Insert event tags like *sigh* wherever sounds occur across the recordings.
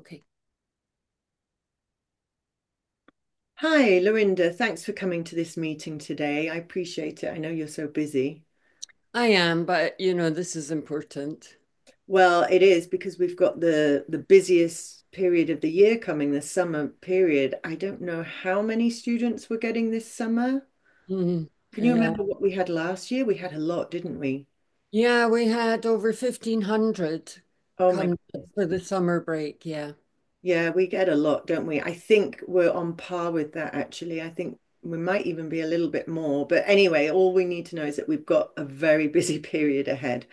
Okay, Hi, Lorinda. Thanks for coming to this meeting today. I appreciate it. I know you're so busy. I am, but you know, this is important. Well, it is because we've got the busiest period of the year coming, the summer period. I don't know how many students we're getting this summer. Mhm. Can you remember Yeah. what we had last year? We had a lot, didn't we? Yeah, we had over 1500 Oh my come goodness. for the summer break. Yeah. Yeah, we get a lot, don't we? I think we're on par with that actually. I think we might even be a little bit more. But anyway, all we need to know is that we've got a very *laughs* busy period ahead.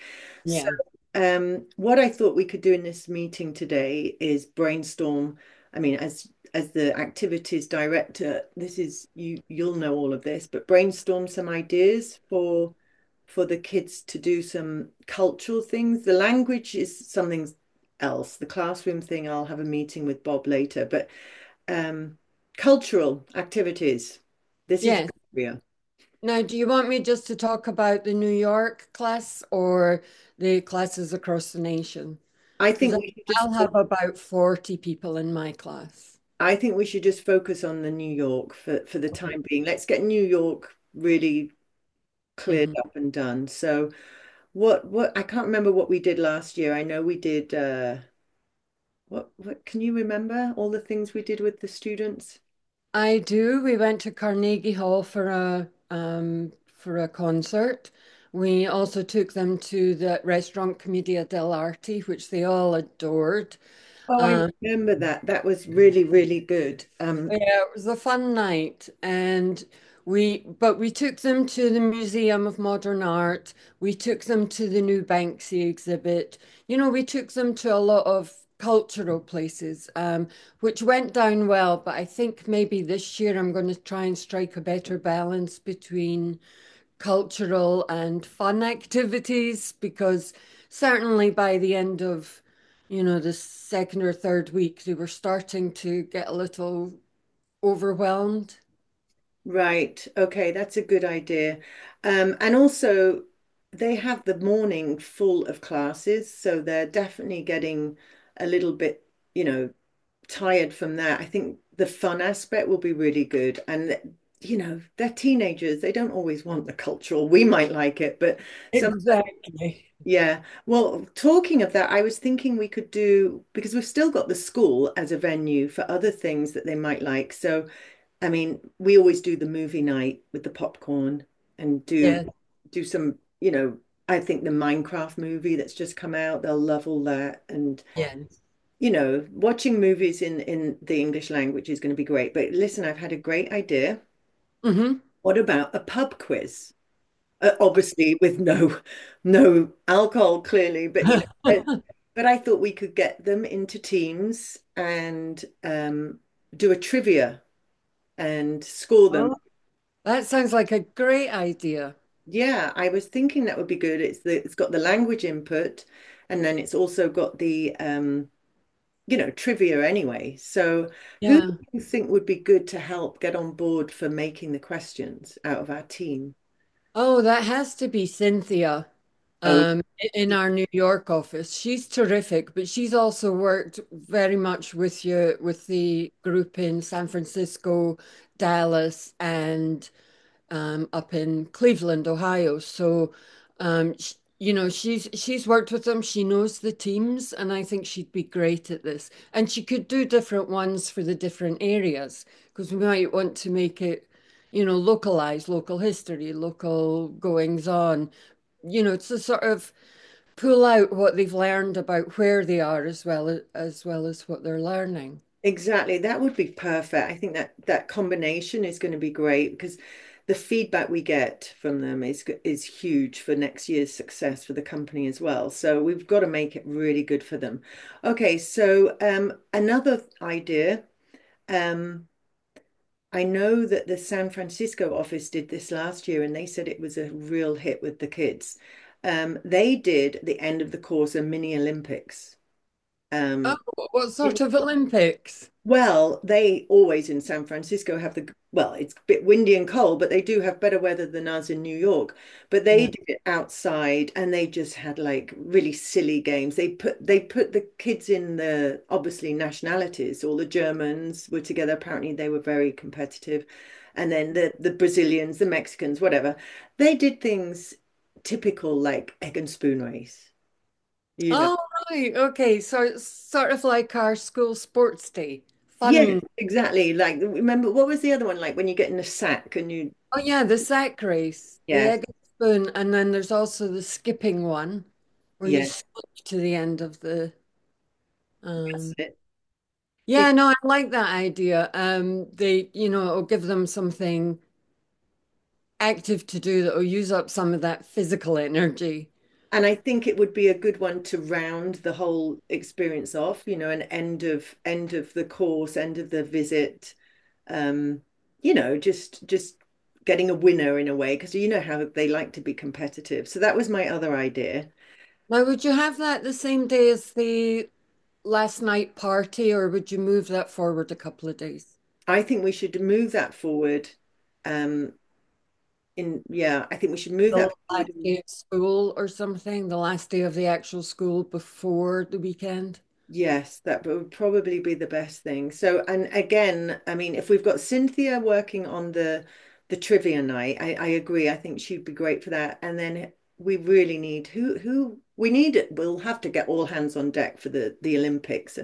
So, Yeah. um, what I thought we could do in this meeting today is brainstorm. I mean, as the activities director, this is you'll know all of this, but brainstorm some ideas for the kids to do some cultural things. The language is something else. The classroom thing, I'll have a meeting with Bob later, but um, cultural activities. This is Yes. your area. Now, do you want me just to talk about the New York class or the classes across the nation? I Because think we should just I'll have about 40 people in my class. I think we should just focus on the New York for the Okay. time being. Let's get New York really cleared Mhm. up and done. So what I can't remember what we did last year. I know we did what can you remember all the things we did with the students? I do. We went to Carnegie Hall for a for a concert. We also took them to the restaurant Commedia dell'arte, which they all adored. Oh, I Um, remember that. That was really, really good. Yeah, it was a fun night and we but we took them to the Museum of Modern Art. We took them to the new Banksy exhibit. You know, we took them to a lot of cultural places, which went down well, but I think maybe this year I'm going to try and strike a better balance between cultural and fun activities because certainly by the end of you know, the second or third week, they were starting to get a little overwhelmed. Right. Okay, that's a good idea. And also, they have the morning full of classes, so they're definitely getting a little bit, you know, tired from that. I think the fun aspect will be really good. You know, they're teenagers. They don't always want the cultural. We might like it, but some, Exactly. yeah. Well, talking of that, I was thinking we could do, because we've still got the school as a venue for other things that they might like. So, I mean, we always do the movie night with the popcorn and do Yes, do some, you know, I think the Minecraft movie that's just come out, they'll love all that. And, yes. you know, watching movies in the English language is going to be great. But listen, I've had a great idea. Hmm. What about a pub quiz? Obviously with no no alcohol clearly, but you *laughs* know, but I thought we could get them into teams and do a trivia and score them. Oh, that sounds like a great idea. Yeah, I was thinking that would be good. It's the it's got the language input and then it's also got the you know, trivia anyway. So who do Yeah. you think would be good to help get on board for making the questions out of our team? Oh, that has to be Cynthia, Oh, in our New York office. She's terrific, but she's also worked very much with you with the group in San Francisco, Dallas, and up in Cleveland, Ohio. So, sh you know, she's worked with them. She knows the teams, and I think she'd be great at this. And she could do different ones for the different areas because we might want to make it, you know, localized, local history, local goings on. You know, to sort of pull out what they've learned about where they are as well as what they're learning. exactly. That would be perfect. I think that that combination is going to be great because the feedback we get from them is huge for next year's success for the company as well. So we've got to make it really good for them. Okay, so another idea. Um, I know that the San Francisco office did this last year, and they said it was a real hit with the kids. They did at the end of the course a mini Olympics. Oh, Um, what sort of Olympics? Well, they always in San Francisco have well, it's a bit windy and cold, but they do have better weather than us in New York. But they did it outside and they just had like really silly games. They put the kids in the obviously nationalities. All the Germans were together. Apparently they were very competitive. And then the Brazilians, the Mexicans, whatever. They did things typical like egg and spoon race, you know. Oh, right. Okay. So sort of like our school sports day. Yeah, Fun. exactly. Like remember what was the other one like when you get in a sack and you Oh, yeah. The sack race, the yes, egg and spoon. And then there's also the skipping one where you yes, skip to the end of the. that's Um... it. It- Yeah, no, I like that idea. They, you know, it'll give them something active to do that will use up some of that physical energy. And I think it would be a good one to round the whole experience off, you know, an end of the course, end of the visit. Um, you know, just getting a winner in a way, because you know how they like to be competitive. So that was my other idea. Now, would you have that the same day as the last night party, or would you move that forward a couple of days? I think we should move that forward. Um, in yeah, I think we should move The that last forward. day of school or something, the last day of the actual school before the weekend? Yes, that would probably be the best thing. So, and again, I mean, if we've got Cynthia working on the trivia night, I agree. I think she'd be great for that. And then we really need who we need. It. We'll have to get all hands on deck for the Olympics.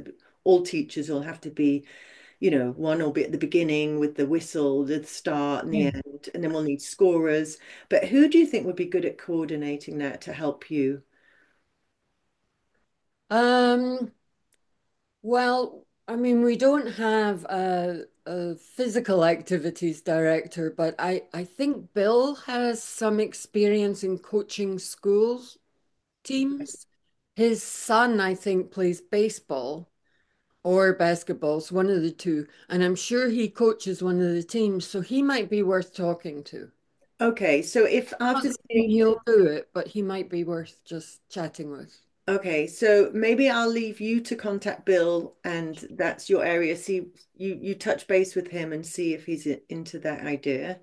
All teachers will have to be, you know, one will be at the beginning with the whistle, the start and the end, and then we'll need scorers. But who do you think would be good at coordinating that to help you? Um, well, I mean, we don't have a physical activities director, but I think Bill has some experience in coaching school teams. His son, I think, plays baseball or basketball, so one of the two, and I'm sure he coaches one of the teams, so he might be worth talking to. Okay, so if after Not this saying meet, he'll do it, but he might be worth just chatting with. okay, so maybe I'll leave you to contact Bill, and that's your area. See, you touch base with him and see if into that idea.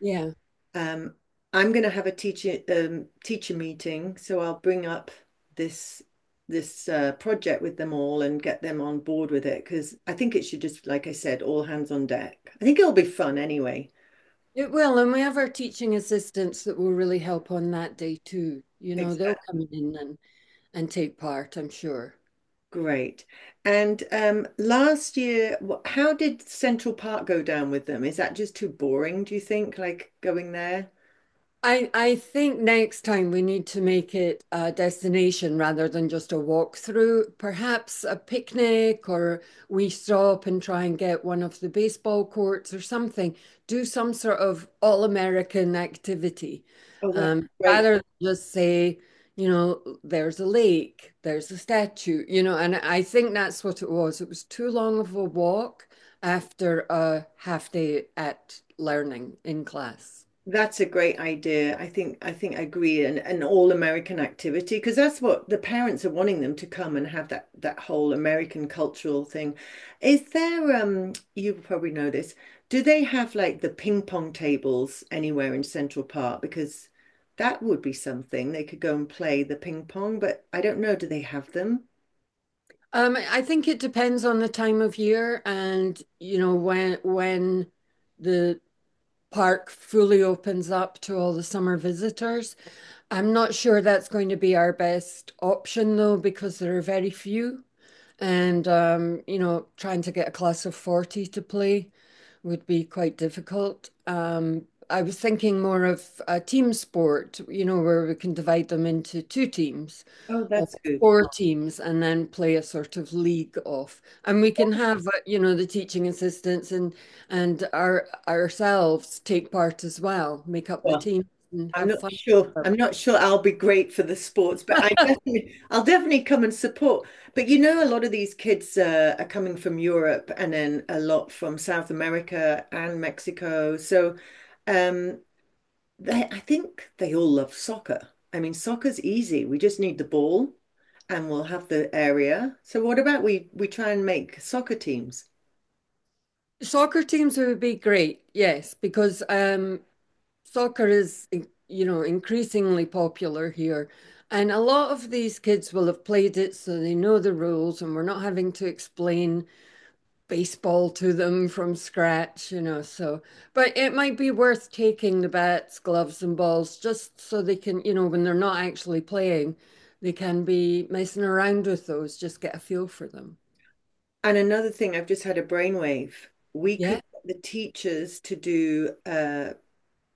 Yeah, Um, I'm going to have a teacher meeting, so I'll bring up this this project with them all and get them on board with it because I think it should just, like I said, all hands on deck. I think it'll be fun anyway. it will. And we have our teaching assistants that will really help on that day too. You know, they'll come in and take part, I'm sure. Great. And last year, how did Central Park go down with them? Is that just too boring, do you think? Like going there? I think next time we need to make it a destination rather than just a walkthrough. Perhaps a picnic, or we stop and try and get one of the baseball courts or something. Do some sort of all-American activity, Oh, that's great. rather than just say, you know, there's a lake, there's a statue, you know. And I think that's what it was. It was too long of a walk after a half day at learning in class. That's a great idea. I think I agree an all-American activity because that's what the parents are wanting them to come and have that that whole American cultural thing. Is there you probably know this. Do they have like the ping pong tables anywhere in Central Park? Because that would be something. They could go and play the ping pong, but I don't know. Do they have them? I think it depends on the time of year and you know when the park fully opens up to all the summer visitors. I'm not sure that's going to be our best option though, because there are very few. And you know, trying to get a class of 40 to play would be quite difficult. I was thinking more of a team sport, you know, where we can divide them into two teams Oh, or that's good. four teams and then play a sort of league off. And we can have, you know, the teaching assistants and and ourselves take part as well, make up the Well, team and have fun. I'm not sure I'll be great for the sports, but I'll definitely come and support. But you know, a lot of these kids are coming from Europe and then a lot from South America and Mexico. So um, I think they all love soccer. I mean, soccer's easy. We just need the ball and we'll have the area. So what about we try and make soccer teams? Soccer teams would be great, yes, because soccer is, you know, increasingly popular here. And a lot of these kids will have played it, so they know the rules, and we're not having to explain baseball to them from scratch, you know. So, but it might be worth taking the bats, gloves, and balls just so they can, you know, when they're not actually playing, they can be messing around with those, just get a feel for them. And another thing, I've just had a brainwave. We Yeah. could get the teachers to do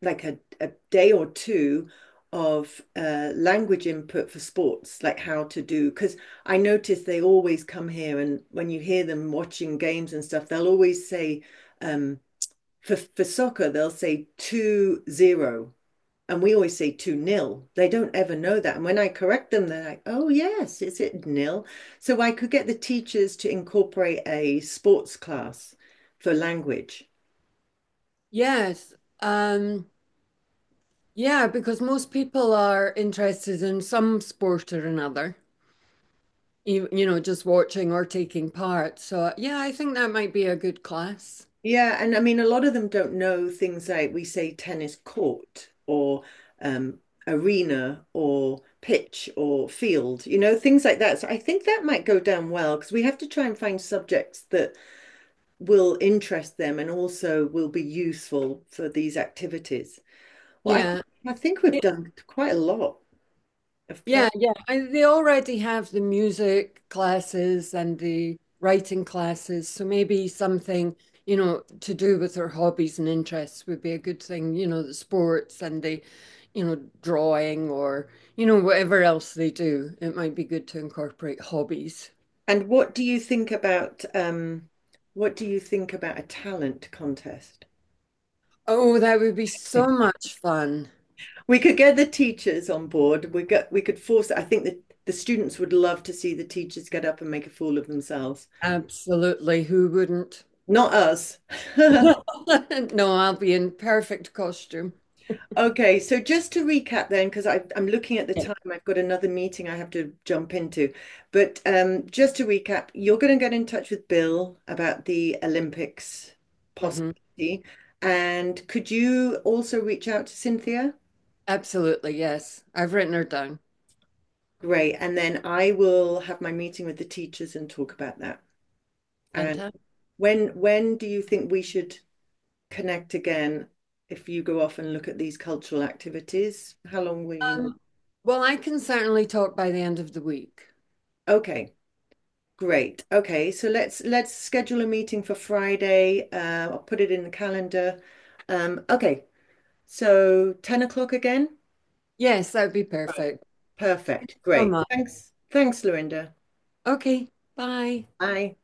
like a day or two of language input for sports, like how to do. Because I notice they always come here, and when you hear them watching games and stuff, they'll always say, um, for soccer, they'll say 2-0, and we always say two nil. They don't ever know that. And when I correct them, they're like, oh, yes, is it nil? So I could get the teachers to incorporate a sports class for language. Yes. Um, yeah, because most people are interested in some sport or another. You know, just watching or taking part. So yeah, I think that might be a good class. Yeah, and I mean, a lot of them don't know things like we say tennis court or um, arena or pitch or field, you know, things like that. So I think that might go down well because we have to try and find subjects that will interest them and also will be useful for these activities. Well, Yeah. I think we've done quite a lot of plan. Yeah, yeah. They already have the music classes and the writing classes, so maybe something, you know, to do with their hobbies and interests would be a good thing, you know, the sports and the, you know, drawing or, you know, whatever else they do. It might be good to incorporate hobbies. And what do you think about a talent contest? Oh, that would be so much fun. We could get the teachers on board. We could force it. I think that the students would love to see the teachers get up and make a fool of themselves. Absolutely. Who wouldn't? Not us. *laughs* *laughs* No, I'll be in perfect costume. Okay, so just to recap then, because I'm looking at the Yeah. time, I've got another meeting I have to jump into. But just to recap, you're going to get in touch with Bill about the Olympics Hmm. possibility. And could you also reach out to Cynthia? Absolutely, yes. I've written her down. Great. And then I will have my meeting with the teachers and talk about that. And Fantastic. when do you think we should connect again? If you go off and look at these cultural activities, how long will you need? Um, well, I can certainly talk by the end of the week. Okay, great. Okay, so let's schedule a meeting for Friday. I'll put it in the calendar. Um, okay, 10 o'clock again. Yes, that would be Right. perfect. Perfect. So Great. much. Thanks. Thanks, Lorinda. Okay, bye. Bye.